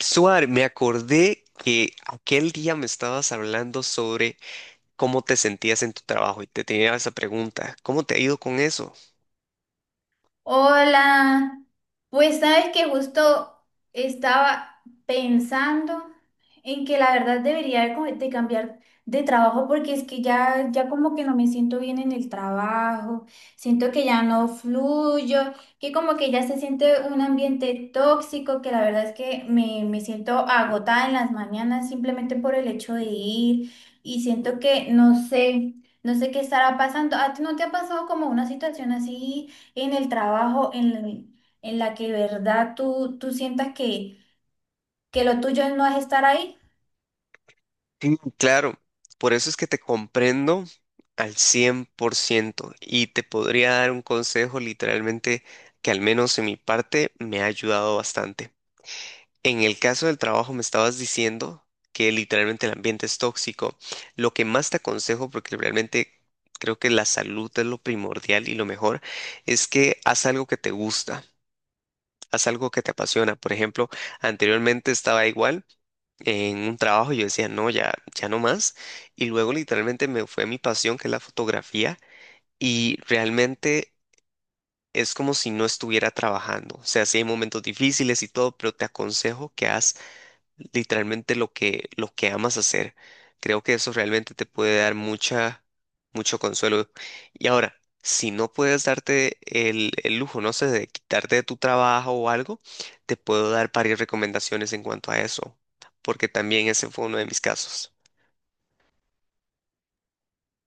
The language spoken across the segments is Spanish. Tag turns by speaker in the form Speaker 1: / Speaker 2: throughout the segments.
Speaker 1: Suar, me acordé que aquel día me estabas hablando sobre cómo te sentías en tu trabajo y te tenía esa pregunta, ¿cómo te ha ido con eso?
Speaker 2: Hola, pues sabes que justo estaba pensando en que la verdad debería de cambiar de trabajo porque es que ya como que no me siento bien en el trabajo, siento que ya no fluyo, que como que ya se siente un ambiente tóxico, que la verdad es que me siento agotada en las mañanas simplemente por el hecho de ir y siento que no sé, no sé qué estará pasando. ¿A ti no te ha pasado como una situación así? En el trabajo en la que de verdad tú sientas que lo tuyo no es estar ahí.
Speaker 1: Sí, claro, por eso es que te comprendo al 100% y te podría dar un consejo literalmente que al menos en mi parte me ha ayudado bastante. En el caso del trabajo me estabas diciendo que literalmente el ambiente es tóxico. Lo que más te aconsejo, porque realmente creo que la salud es lo primordial y lo mejor, es que haz algo que te gusta, haz algo que te apasiona. Por ejemplo, anteriormente estaba igual en un trabajo, yo decía, no, ya no más. Y luego literalmente me fue mi pasión, que es la fotografía, y realmente... Es como si no estuviera trabajando. O sea, sí hay momentos difíciles y todo, pero te aconsejo que hagas literalmente lo que amas hacer. Creo que eso realmente te puede dar mucha, mucho consuelo. Y ahora, si no puedes darte el lujo, no sé, de quitarte de tu trabajo o algo, te puedo dar varias recomendaciones en cuanto a eso, porque también ese fue uno de mis casos.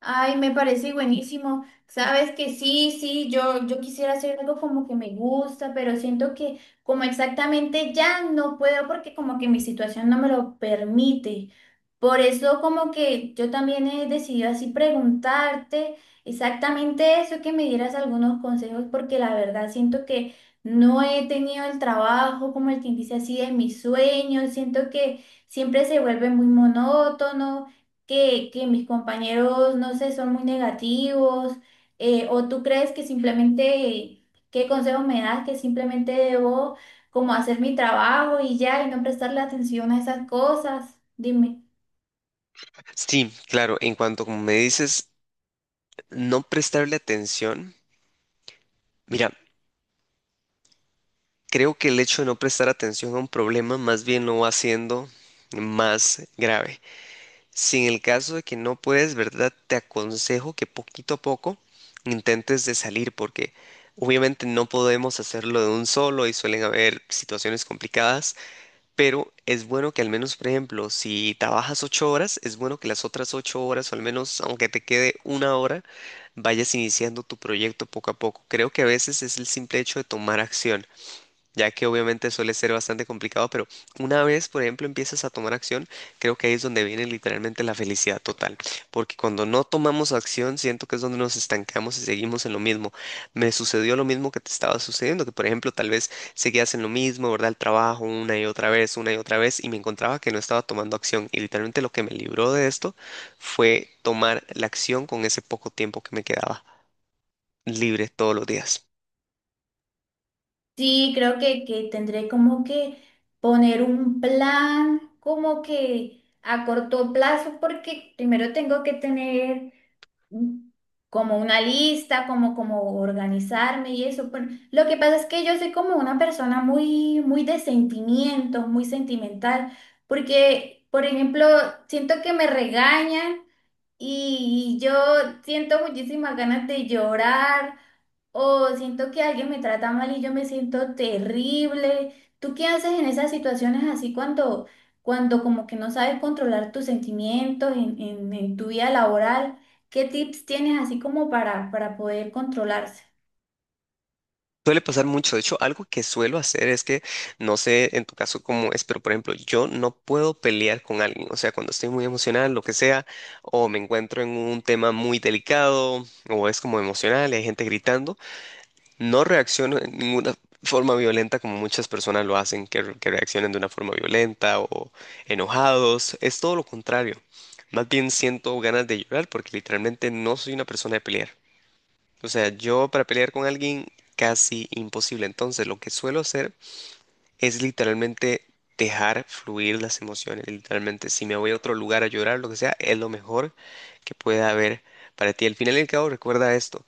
Speaker 2: Ay, me parece buenísimo. Sabes que sí, sí, yo quisiera hacer algo como que me gusta, pero siento que como exactamente ya no puedo porque como que mi situación no me lo permite. Por eso como que yo también he decidido así preguntarte exactamente eso, que me dieras algunos consejos, porque la verdad siento que no he tenido el trabajo como el que dice así de mis sueños, siento que siempre se vuelve muy monótono que mis compañeros, no sé, son muy negativos. ¿O tú crees que simplemente, qué consejos me das, que simplemente debo como hacer mi trabajo y ya y no prestarle atención a esas cosas? Dime.
Speaker 1: Sí, claro, en cuanto como me dices, no prestarle atención, mira, creo que el hecho de no prestar atención a un problema más bien lo va haciendo más grave. Si en el caso de que no puedes, ¿verdad? Te aconsejo que poquito a poco intentes de salir porque obviamente no podemos hacerlo de un solo y suelen haber situaciones complicadas, pero es bueno que al menos, por ejemplo, si trabajas ocho horas, es bueno que las otras ocho horas o al menos aunque te quede una hora, vayas iniciando tu proyecto poco a poco. Creo que a veces es el simple hecho de tomar acción ya que obviamente suele ser bastante complicado, pero una vez, por ejemplo, empiezas a tomar acción, creo que ahí es donde viene literalmente la felicidad total, porque cuando no tomamos acción, siento que es donde nos estancamos y seguimos en lo mismo. Me sucedió lo mismo que te estaba sucediendo, que por ejemplo, tal vez seguías en lo mismo, ¿verdad? El trabajo una y otra vez, una y otra vez, y me encontraba que no estaba tomando acción, y literalmente lo que me libró de esto fue tomar la acción con ese poco tiempo que me quedaba libre todos los días.
Speaker 2: Sí, creo que tendré como que poner un plan como que a corto plazo porque primero tengo que tener un- como una lista, como, como organizarme y eso. Pero lo que pasa es que yo soy como una persona muy de sentimientos, muy sentimental, porque, por ejemplo, siento que me regañan y yo siento muchísimas ganas de llorar o siento que alguien me trata mal y yo me siento terrible. ¿Tú qué haces en esas situaciones así cuando, cuando como que no sabes controlar tus sentimientos en, en tu vida laboral? ¿Qué tips tienes así como para poder controlarse?
Speaker 1: Suele pasar mucho. De hecho, algo que suelo hacer es que, no sé en tu caso cómo es, pero por ejemplo, yo no puedo pelear con alguien. O sea, cuando estoy muy emocional, lo que sea, o me encuentro en un tema muy delicado, o es como emocional y hay gente gritando, no reacciono en ninguna forma violenta como muchas personas lo hacen, que reaccionan de una forma violenta o enojados. Es todo lo contrario. Más bien siento ganas de llorar porque literalmente no soy una persona de pelear. O sea, yo para pelear con alguien casi imposible. Entonces, lo que suelo hacer es literalmente dejar fluir las emociones. Literalmente, si me voy a otro lugar a llorar, lo que sea, es lo mejor que pueda haber para ti. Al final y al cabo, recuerda esto.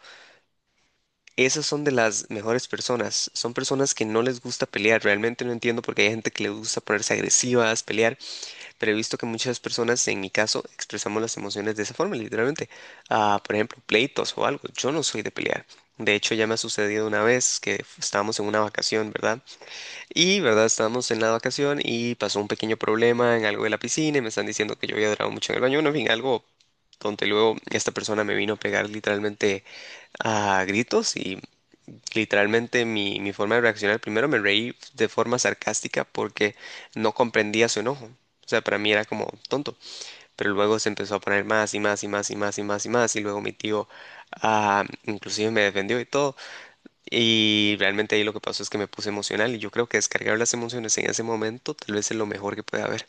Speaker 1: Esas son de las mejores personas. Son personas que no les gusta pelear. Realmente no entiendo por qué hay gente que le gusta ponerse agresivas, pelear. Pero he visto que muchas personas, en mi caso, expresamos las emociones de esa forma, literalmente. Ah, por ejemplo, pleitos o algo. Yo no soy de pelear. De hecho, ya me ha sucedido una vez que estábamos en una vacación, ¿verdad? Y, ¿verdad? Estábamos en la vacación y pasó un pequeño problema en algo de la piscina y me están diciendo que yo había durado mucho en el baño. Bueno, en fin, algo donde luego esta persona me vino a pegar literalmente a gritos y literalmente mi forma de reaccionar, primero me reí de forma sarcástica porque no comprendía su enojo. O sea, para mí era como tonto. Pero luego se empezó a poner más y más y más y más y más y más. Y luego mi tío, inclusive me defendió y todo. Y realmente ahí lo que pasó es que me puse emocional. Y yo creo que descargar las emociones en ese momento tal vez es lo mejor que puede haber.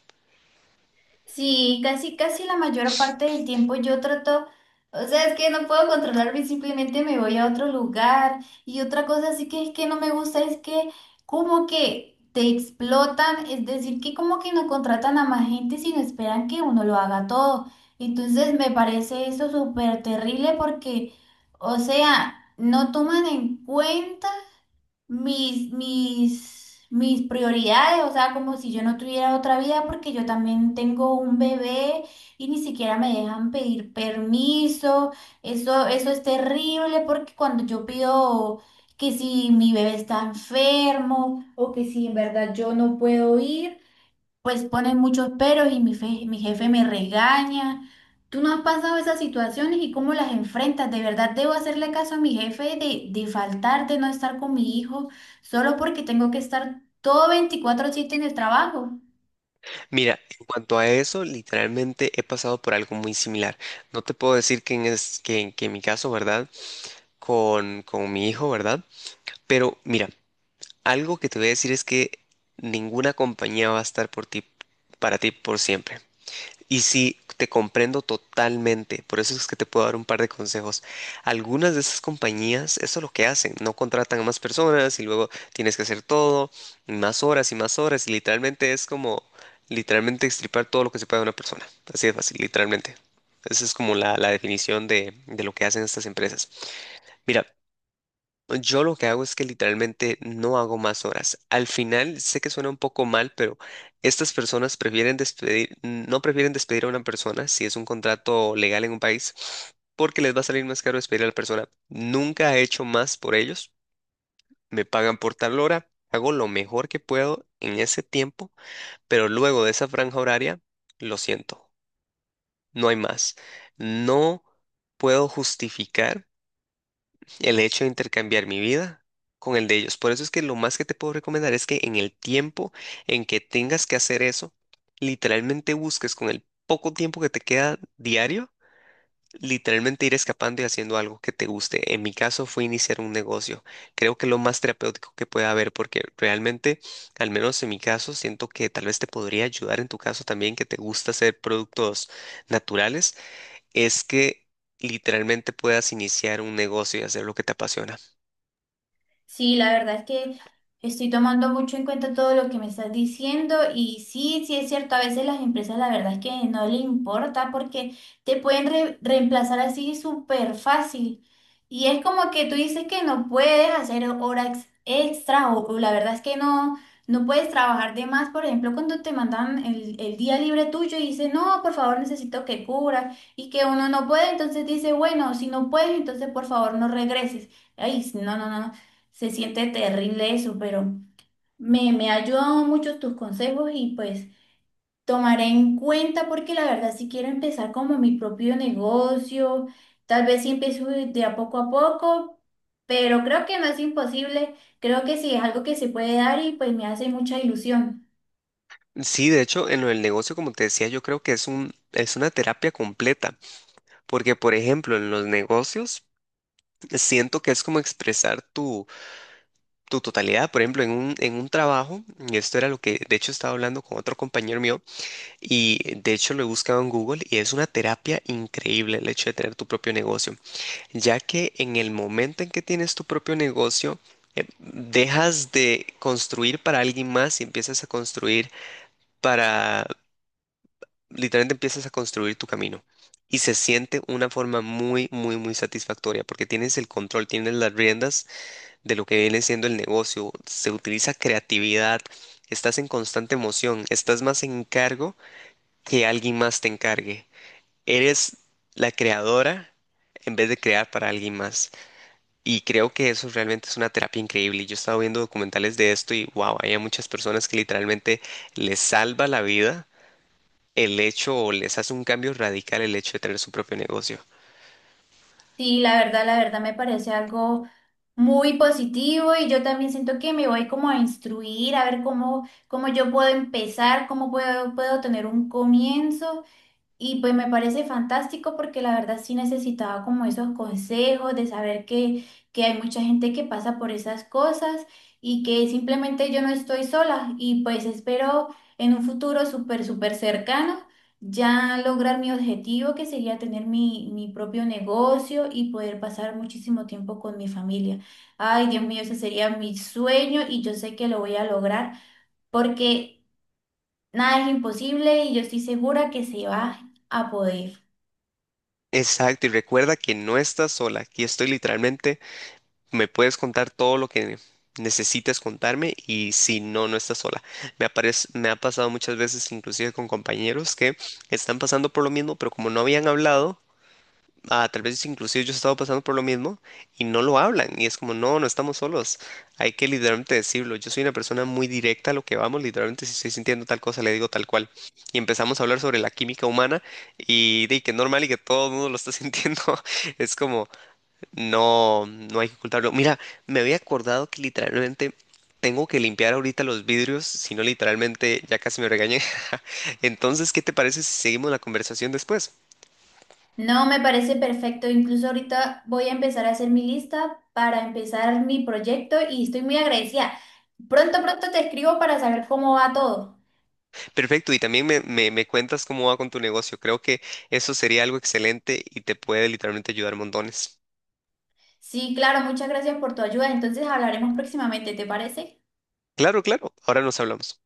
Speaker 2: Sí, casi, casi la mayor parte del tiempo yo trato, o sea, es que no puedo controlarme, simplemente me voy a otro lugar. Y otra cosa así que es que no me gusta es que como que te explotan, es decir, que como que no contratan a más gente, sino esperan que uno lo haga todo. Entonces me parece eso súper terrible porque, o sea, no toman en cuenta mis prioridades, o sea, como si yo no tuviera otra vida, porque yo también tengo un bebé y ni siquiera me dejan pedir permiso. Eso es terrible porque cuando yo pido que si mi bebé está enfermo o que si en verdad yo no puedo ir, pues ponen muchos peros y mi jefe me regaña. ¿Tú no has pasado esas situaciones y cómo las enfrentas? ¿De verdad debo hacerle caso a mi jefe de faltar, de no estar con mi hijo, solo porque tengo que estar todo 24/7 en el trabajo?
Speaker 1: Mira, en cuanto a eso, literalmente he pasado por algo muy similar. No te puedo decir que en, es, que en mi caso, ¿verdad? con mi hijo, ¿verdad? Pero mira, algo que te voy a decir es que ninguna compañía va a estar por ti, para ti por siempre. Y sí, te comprendo totalmente, por eso es que te puedo dar un par de consejos. Algunas de esas compañías, eso es lo que hacen, no contratan a más personas y luego tienes que hacer todo, y más horas y más horas, y literalmente es como, literalmente extirpar todo lo que se puede de una persona, así de fácil, literalmente. Esa es como la definición de lo que hacen estas empresas. Mira, yo lo que hago es que literalmente no hago más horas. Al final, sé que suena un poco mal, pero estas personas prefieren despedir, no prefieren despedir a una persona si es un contrato legal en un país, porque les va a salir más caro despedir a la persona. Nunca he hecho más por ellos. Me pagan por tal hora, hago lo mejor que puedo en ese tiempo, pero luego de esa franja horaria, lo siento, no hay más. No puedo justificar el hecho de intercambiar mi vida con el de ellos. Por eso es que lo más que te puedo recomendar es que en el tiempo en que tengas que hacer eso, literalmente busques con el poco tiempo que te queda diario, literalmente ir escapando y haciendo algo que te guste. En mi caso fue iniciar un negocio. Creo que lo más terapéutico que puede haber porque realmente, al menos en mi caso, siento que tal vez te podría ayudar en tu caso también que te gusta hacer productos naturales, es que literalmente puedas iniciar un negocio y hacer lo que te apasiona.
Speaker 2: Sí, la verdad es que estoy tomando mucho en cuenta todo lo que me estás diciendo y sí, sí es cierto, a veces las empresas la verdad es que no le importa porque te pueden reemplazar así súper fácil y es como que tú dices que no puedes hacer horas extra o la verdad es que no, no puedes trabajar de más, por ejemplo, cuando te mandan el día libre tuyo y dices, no, por favor, necesito que cubras y que uno no puede, entonces dice, bueno, si no puedes, entonces por favor no regreses. Ay, no, no, no. Se siente terrible eso, pero me ha ayudado mucho tus consejos y pues tomaré en cuenta porque la verdad si quiero empezar como mi propio negocio, tal vez si empiezo de a poco, pero creo que no es imposible, creo que sí es algo que se puede dar y pues me hace mucha ilusión.
Speaker 1: Sí, de hecho, en lo del negocio, como te decía, yo creo que es una terapia completa, porque, por ejemplo, en los negocios siento que es como expresar tu, tu totalidad. Por ejemplo, en un trabajo, y esto era lo que, de hecho, estaba hablando con otro compañero mío, y de hecho lo he buscado en Google, y es una terapia increíble el hecho de tener tu propio negocio, ya que en el momento en que tienes tu propio negocio, dejas de construir para alguien más y empiezas a construir para, literalmente empiezas a construir tu camino. Y se siente una forma muy, muy, muy satisfactoria porque tienes el control, tienes las riendas de lo que viene siendo el negocio, se utiliza creatividad, estás en constante emoción, estás más en cargo que alguien más te encargue. Eres la creadora en vez de crear para alguien más. Y creo que eso realmente es una terapia increíble. Y Yo he estado viendo documentales de esto y wow, hay a muchas personas que literalmente les salva la vida el hecho o les hace un cambio radical el hecho de tener su propio negocio.
Speaker 2: Sí, la verdad me parece algo muy positivo y yo también siento que me voy como a instruir, a ver cómo, cómo yo puedo empezar, cómo puedo, puedo tener un comienzo. Y pues me parece fantástico porque la verdad sí necesitaba como esos consejos de saber que hay mucha gente que pasa por esas cosas y que simplemente yo no estoy sola y pues espero en un futuro súper, súper cercano ya lograr mi objetivo que sería tener mi propio negocio y poder pasar muchísimo tiempo con mi familia. Ay, Dios mío, ese sería mi sueño y yo sé que lo voy a lograr porque nada es imposible y yo estoy segura que se va a poder.
Speaker 1: Exacto, y recuerda que no estás sola. Aquí estoy literalmente, me puedes contar todo lo que necesites contarme y si no, no estás sola. Me aparece, me ha pasado muchas veces, inclusive con compañeros que están pasando por lo mismo, pero como no habían hablado, tal vez inclusive yo he estado pasando por lo mismo y no lo hablan y es como, no, no estamos solos, hay que literalmente decirlo. Yo soy una persona muy directa a lo que vamos, literalmente si estoy sintiendo tal cosa le digo tal cual. Y empezamos a hablar sobre la química humana y de que es normal y que todo el mundo lo está sintiendo, es como, no, no hay que ocultarlo. Mira, me había acordado que literalmente tengo que limpiar ahorita los vidrios, si no literalmente ya casi me regañé. Entonces, ¿qué te parece si seguimos la conversación después?
Speaker 2: No, me parece perfecto. Incluso ahorita voy a empezar a hacer mi lista para empezar mi proyecto y estoy muy agradecida. Pronto, pronto te escribo para saber cómo va todo.
Speaker 1: Perfecto, y también me cuentas cómo va con tu negocio. Creo que eso sería algo excelente y te puede literalmente ayudar montones.
Speaker 2: Sí, claro, muchas gracias por tu ayuda. Entonces hablaremos próximamente, ¿te parece?
Speaker 1: Claro, claro, ahora nos hablamos.